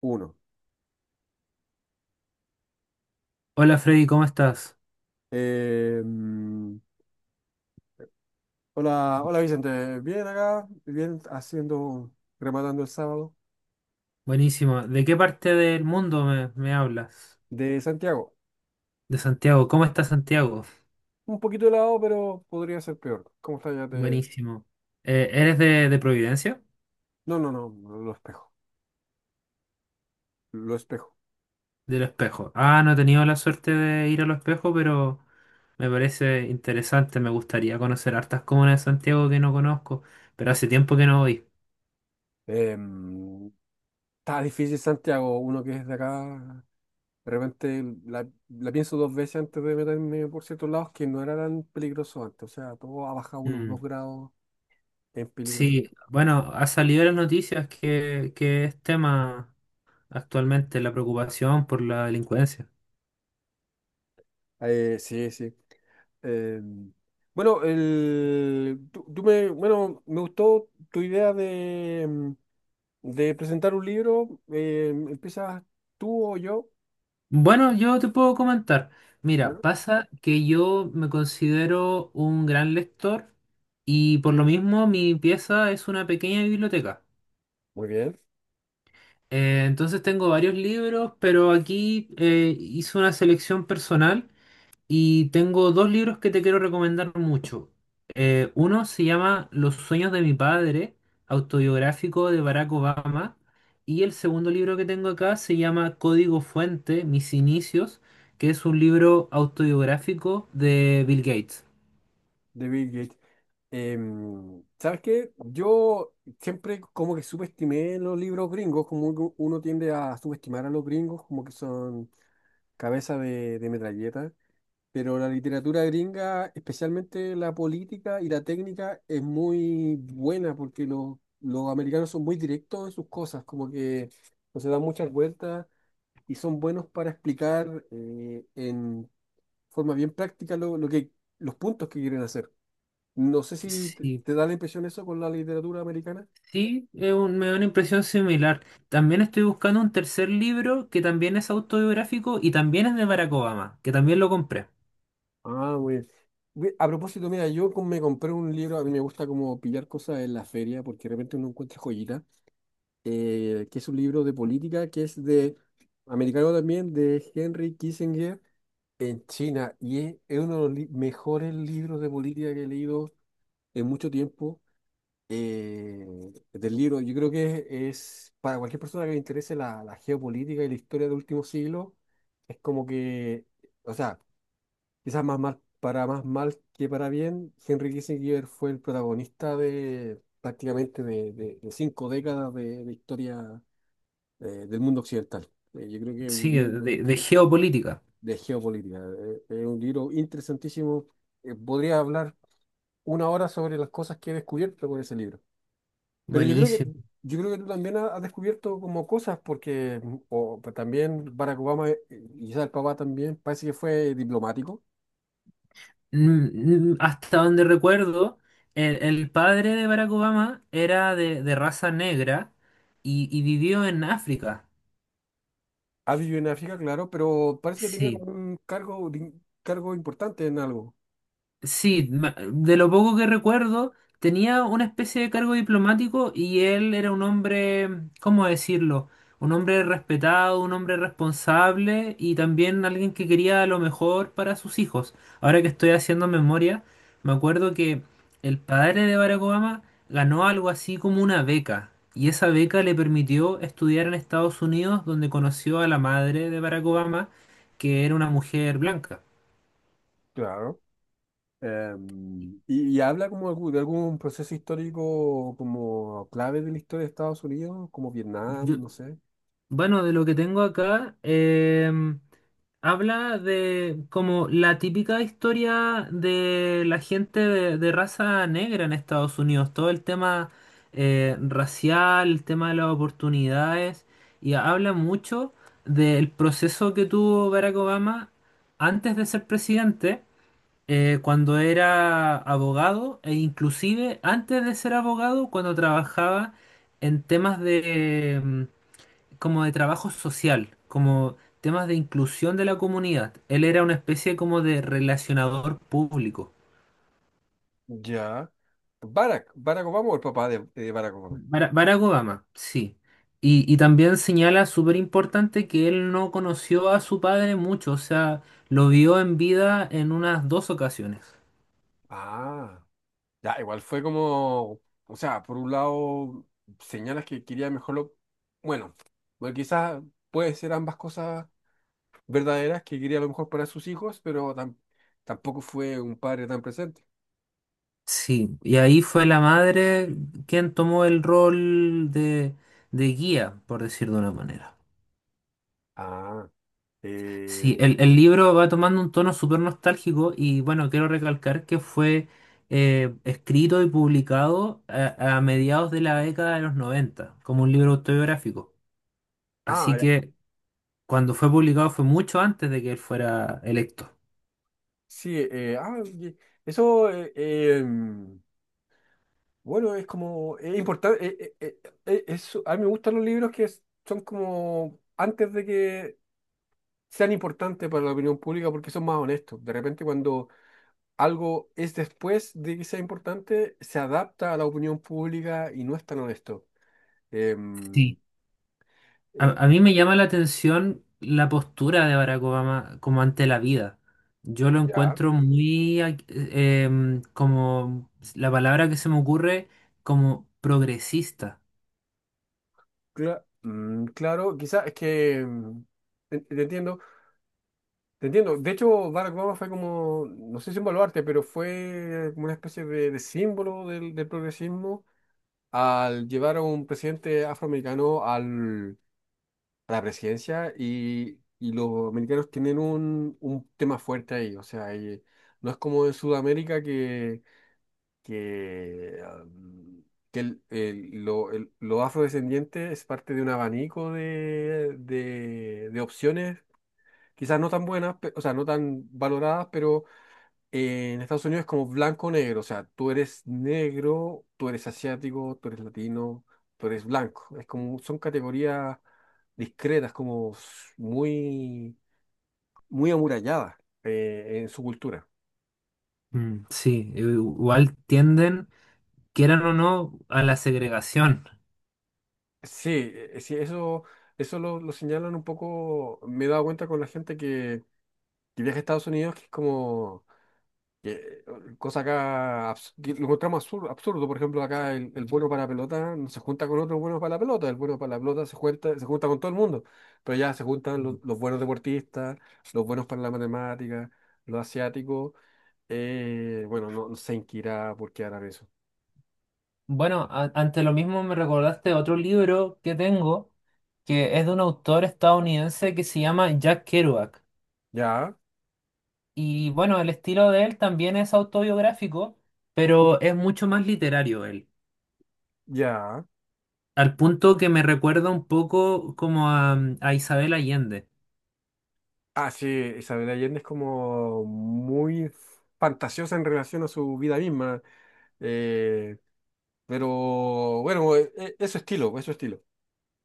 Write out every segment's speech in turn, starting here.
Uno. Hola Freddy, ¿cómo estás? Eh, mm, hola Vicente. Bien acá, bien haciendo, rematando el sábado Buenísimo. ¿De qué parte del mundo me hablas? de Santiago. De Santiago. ¿Cómo está Santiago? Un poquito helado, pero podría ser peor. ¿Cómo está ya? Buenísimo. ¿Eres de Providencia? No, no, no, no, lo espejo. Lo espejo. Del Espejo. Ah, no he tenido la suerte de ir al Espejo, pero me parece interesante. Me gustaría conocer hartas comunas de Santiago que no conozco, pero hace tiempo que no voy. Eh, mm, Está difícil Santiago, uno que es de acá. De repente la pienso 2 veces antes de meterme por ciertos lados que no era tan peligroso antes. O sea, todo ha bajado unos dos Mm. grados en peligrosidad. Sí, bueno, ha salido en las noticias que es tema actualmente la preocupación por la delincuencia. Sí, sí. Eh, bueno, bueno, me gustó tu idea de presentar un libro. ¿Empiezas tú o yo? Bueno, yo te puedo comentar. Mira, Bueno, pasa que yo me considero un gran lector y por lo mismo mi pieza es una pequeña biblioteca. muy bien, Entonces tengo varios libros, pero aquí hice una selección personal y tengo dos libros que te quiero recomendar mucho. Uno se llama Los sueños de mi padre, autobiográfico de Barack Obama. Y el segundo libro que tengo acá se llama Código Fuente, Mis inicios, que es un libro autobiográfico de Bill Gates. de Bill Gates. ¿Sabes qué? Yo siempre como que subestimé los libros gringos, como uno tiende a subestimar a los gringos, como que son cabeza de metralleta. Pero la literatura gringa, especialmente la política y la técnica, es muy buena porque los americanos son muy directos en sus cosas, como que no se dan muchas vueltas y son buenos para explicar en forma bien práctica los puntos que quieren hacer. No sé si te, Sí, te da la impresión eso con la literatura americana. sí, es un- me da una impresión similar. También estoy buscando un tercer libro que también es autobiográfico y también es de Barack Obama, que también lo compré. Ah, muy bien. A propósito, mira, yo me compré un libro, a mí me gusta como pillar cosas en la feria porque de repente uno encuentra joyitas. Que es un libro de política, que es de, americano también, de Henry Kissinger en China. Y es uno de los mejores libros de política que he leído en mucho tiempo. eh, Del libro, yo creo que para cualquier persona que le interese la geopolítica y la historia del último siglo, es como que, o sea, quizás más mal, para más mal que para bien, Henry Kissinger fue el protagonista de prácticamente de 5 décadas de historia del mundo occidental. Yo creo que es un Sí, libro de geopolítica. de geopolítica. Es un libro interesantísimo. Podría hablar 1 hora sobre las cosas que he descubierto con ese libro. Pero yo creo que, Buenísimo. yo creo que tú también has descubierto como cosas, porque pues, también Barack Obama, y quizás el papá también, parece que fue diplomático. Mm, mm. Hasta donde recuerdo, el padre de Barack Obama era de raza negra y vivió en África. Ha vivido en África, claro, pero parece que tenía Sí. como un cargo, cargo importante en algo. Sí, ma- de lo poco que recuerdo, tenía una especie de cargo diplomático y él era un hombre, ¿cómo decirlo? Un hombre respetado, un hombre responsable y también alguien que quería lo mejor para sus hijos. Ahora que estoy haciendo memoria, me acuerdo que el padre de Barack Obama ganó algo así como una beca y esa beca le permitió estudiar en Estados Unidos donde conoció a la madre de Barack Obama, que era una mujer blanca. Claro. Y habla como de algún proceso histórico como clave de la historia de Estados Unidos, como Vietnam, no sé. Bueno, de lo que tengo acá, habla de como la típica historia de la gente de raza negra en Estados Unidos, todo el tema racial, el tema de las oportunidades, y habla mucho del proceso que tuvo Barack Obama antes de ser presidente, cuando era abogado, e inclusive antes de ser abogado, cuando trabajaba en temas de... como de trabajo social, como temas de inclusión de la comunidad. Él era una especie como de relacionador público. Ya. Barack Obama o el papá de Barack Obama. Bara- Barack Obama, sí. Y también señala súper importante que él no conoció a su padre mucho, o sea, lo vio en vida en unas dos ocasiones. Ah, ya, igual fue como, o sea, por un lado señalas que quería mejor bueno, bueno, quizás puede ser ambas cosas verdaderas, que quería lo mejor para sus hijos, pero tampoco fue un padre tan presente. Sí, y ahí fue la madre quien tomó el rol de guía, por decir de una manera. Ah, eh, Sí, el libro va tomando un tono súper nostálgico y bueno, quiero recalcar que fue escrito y publicado a mediados de la década de los 90 como un libro autobiográfico. Así ah, que cuando fue publicado fue mucho antes de que él fuera electo. Sí. Eso. Em, bueno, es como, es importante, a mí me gustan los libros que son como antes de que sean importantes para la opinión pública porque son más honestos. De repente cuando algo es después de que sea importante, se adapta a la opinión pública y no es tan honesto. Em, Sí. eh, A mí me llama la atención la postura de Barack Obama como ante la vida. Yo lo Ya. encuentro muy, ac- como la palabra que se me ocurre, como progresista. Claro, quizás es que, te entiendo. Te entiendo. De hecho, Barack Obama fue como, no sé si un baluarte, pero fue como una especie de símbolo del progresismo al llevar a un presidente afroamericano a la presidencia y los americanos tienen un tema fuerte ahí. O sea, y no es como en Sudamérica que, um, que los afrodescendientes es parte de un abanico de opciones, quizás no tan buenas, o sea, no tan valoradas, pero en Estados Unidos es como blanco o negro, o sea, tú eres negro, tú eres asiático, tú eres latino, tú eres blanco. Es como, son categorías discretas, como muy, muy amuralladas en su cultura. Mm. Sí, i- igual tienden, quieran o no, a la segregación. Sí, eso lo señalan un poco, me he dado cuenta con la gente que viaja a Estados Unidos, que es como... que- cosa acá que lo encontramos absurdo, absurdo. Por ejemplo, acá el bueno para la pelota no se junta con otro bueno para la pelota, el bueno para la pelota se junta con todo el mundo, pero ya se juntan los, Mm. los buenos deportistas, los buenos para la matemática, los asiáticos, bueno, no sé en qué irá por qué harán eso. Bueno, a- ante lo mismo me recordaste otro libro que tengo, que es de un autor estadounidense que se llama Jack Kerouac. Ya, Y bueno, el estilo de él también es autobiográfico, pero es mucho más literario él, ya. al punto que me recuerda un poco como a Isabel Allende. Ah, sí, Isabel Allende es como muy fantasiosa en relación a su vida misma. Eh, pero bueno, es su estilo, es su estilo.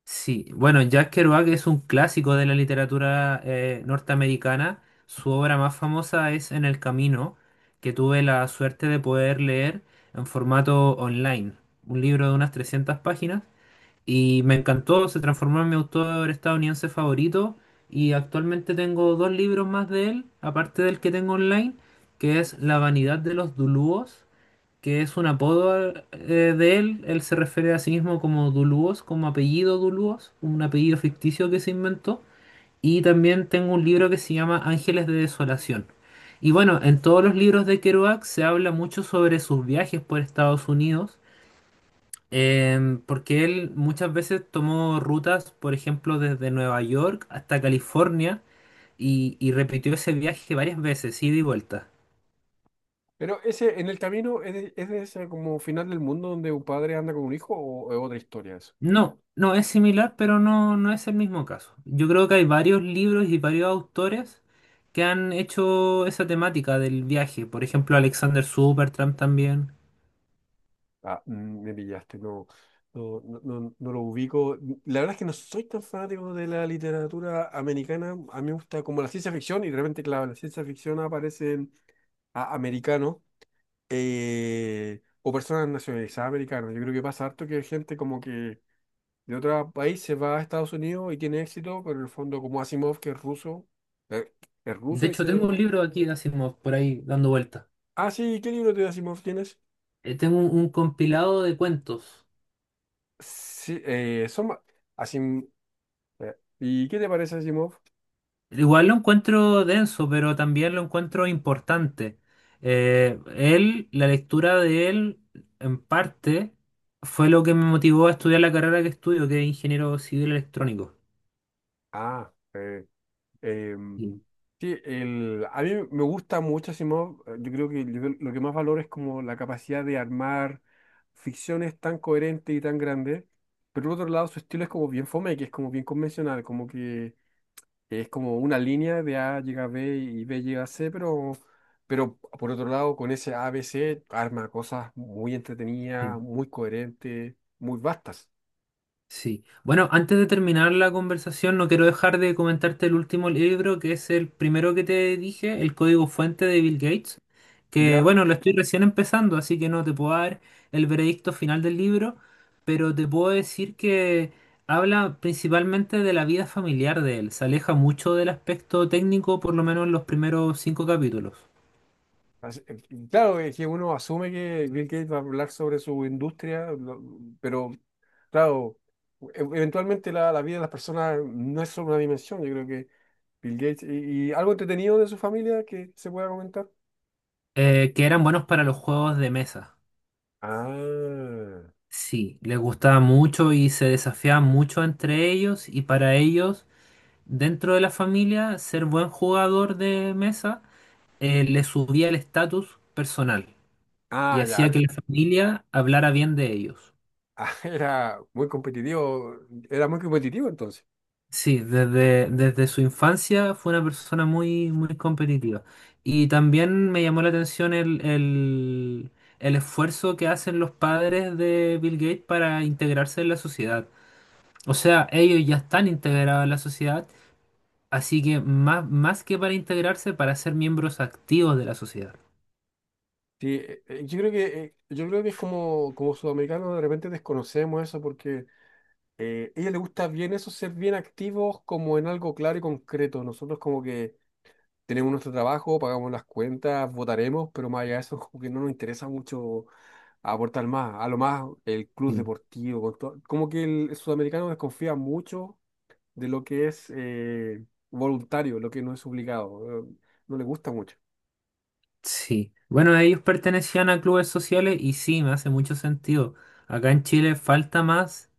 Sí, bueno, Jack Kerouac es un clásico de la literatura norteamericana. Su obra más famosa es En el Camino, que tuve la suerte de poder leer en formato online, un libro de unas 300 páginas, y me encantó, se transformó en mi autor estadounidense favorito, y actualmente tengo dos libros más de él, aparte del que tengo online, que es La vanidad de los Dulúos, que es un apodo de él. Él se refiere a sí mismo como Dulúos, como apellido Dulúos, un apellido ficticio que se inventó. Y también tengo un libro que se llama Ángeles de Desolación. Y bueno, en todos los libros de Kerouac se habla mucho sobre sus viajes por Estados Unidos, porque él muchas veces tomó rutas, por ejemplo, desde Nueva York hasta California y repitió ese viaje varias veces, ida y vuelta. Pero ese, en el camino, ¿es de, ese como final del mundo donde un padre anda con un hijo o es otra historia eso? No, no es similar, pero no, no es el mismo caso. Yo creo que hay varios libros y varios autores que han hecho esa temática del viaje. Por ejemplo, Alexander Supertramp también. Me pillaste, no, no, no, no lo ubico. La verdad es que no soy tan fanático de la literatura americana. A mí me gusta como la ciencia ficción y de repente, claro, en la ciencia ficción aparecen americanos o personas nacionalizadas americanas. Yo creo que pasa harto que hay gente como que de otro país se va a Estados Unidos y tiene éxito, pero en el fondo como Asimov, que eh, es De ruso y hecho, tengo se... un libro aquí de Asimov por ahí dando vuelta. Ah, sí, ¿qué libro de Asimov tienes? Tengo un compilado de cuentos. Sí, Asim- ¿y qué te parece Asimov? Igual lo encuentro denso, pero también lo encuentro importante. Él, la lectura de él, en parte, fue lo que me motivó a estudiar la carrera que estudio, que es ingeniero civil electrónico. Ah. Em, sí, a mí me gusta mucho Asimov. Yo creo que lo que más valoro es como la capacidad de armar ficciones tan coherentes y tan grandes. Pero por otro lado, su estilo es como bien fome, que es como bien convencional, como que es como una línea de A llega a B y B llega a C, pero por otro lado, con ese A, B, C, arma cosas muy entretenidas, Sí, muy coherentes, muy vastas. sí. Bueno, antes de terminar la conversación, no quiero dejar de comentarte el último libro, que es el primero que te dije, El Código Fuente de Bill Gates, que ¿Ya? bueno, lo estoy recién empezando, así que no te puedo dar el veredicto final del libro, pero te puedo decir que habla principalmente de la vida familiar de él, se aleja mucho del aspecto técnico, por lo menos en los primeros cinco capítulos, Así- eh, Claro, es que uno asume que Bill Gates va a hablar sobre su industria, pero claro, eventualmente la vida de las personas no es solo una dimensión, yo creo que Bill Gates y algo entretenido de su familia que se pueda comentar. Que eran buenos para los juegos de mesa. Ah, Sí, les gustaba mucho y se desafiaban mucho entre ellos y para ellos, dentro de la familia, ser buen jugador de mesa les subía el estatus personal y ya. hacía que la familia hablara bien de ellos. Ah, Era muy competitivo, era muy competitivo entonces. Sí, desde, desde su infancia fue una persona muy, muy competitiva. Y también me llamó la atención el esfuerzo que hacen los padres de Bill Gates para integrarse en la sociedad. O sea, ellos ya están integrados en la sociedad. Así que más, más que para integrarse, para ser miembros activos de la sociedad. Sí, yo creo que es como, como sudamericanos de repente desconocemos eso porque a ella le gusta bien eso, ser bien activos como en algo claro y concreto. Nosotros como que tenemos nuestro trabajo, pagamos las cuentas, votaremos, pero más allá de eso como que no nos interesa mucho aportar más. A lo más el club Sí. deportivo, como que el sudamericano desconfía mucho de lo que es voluntario, lo que no es obligado. No le gusta mucho. Sí. Bueno, ellos pertenecían a clubes sociales y sí, me hace mucho sentido. Acá en Chile falta más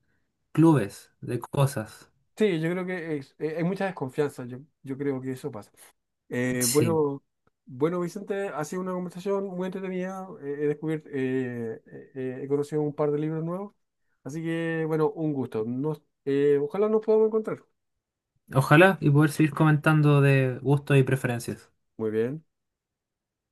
clubes de cosas. Sí, yo creo que hay mucha desconfianza, yo creo que eso pasa. Sí. Bueno, bueno, Vicente, ha sido una conversación muy entretenida, he conocido un par de libros nuevos, así que bueno, un gusto. Ojalá nos podamos encontrar. Ojalá y poder seguir comentando de gustos y preferencias. Muy bien.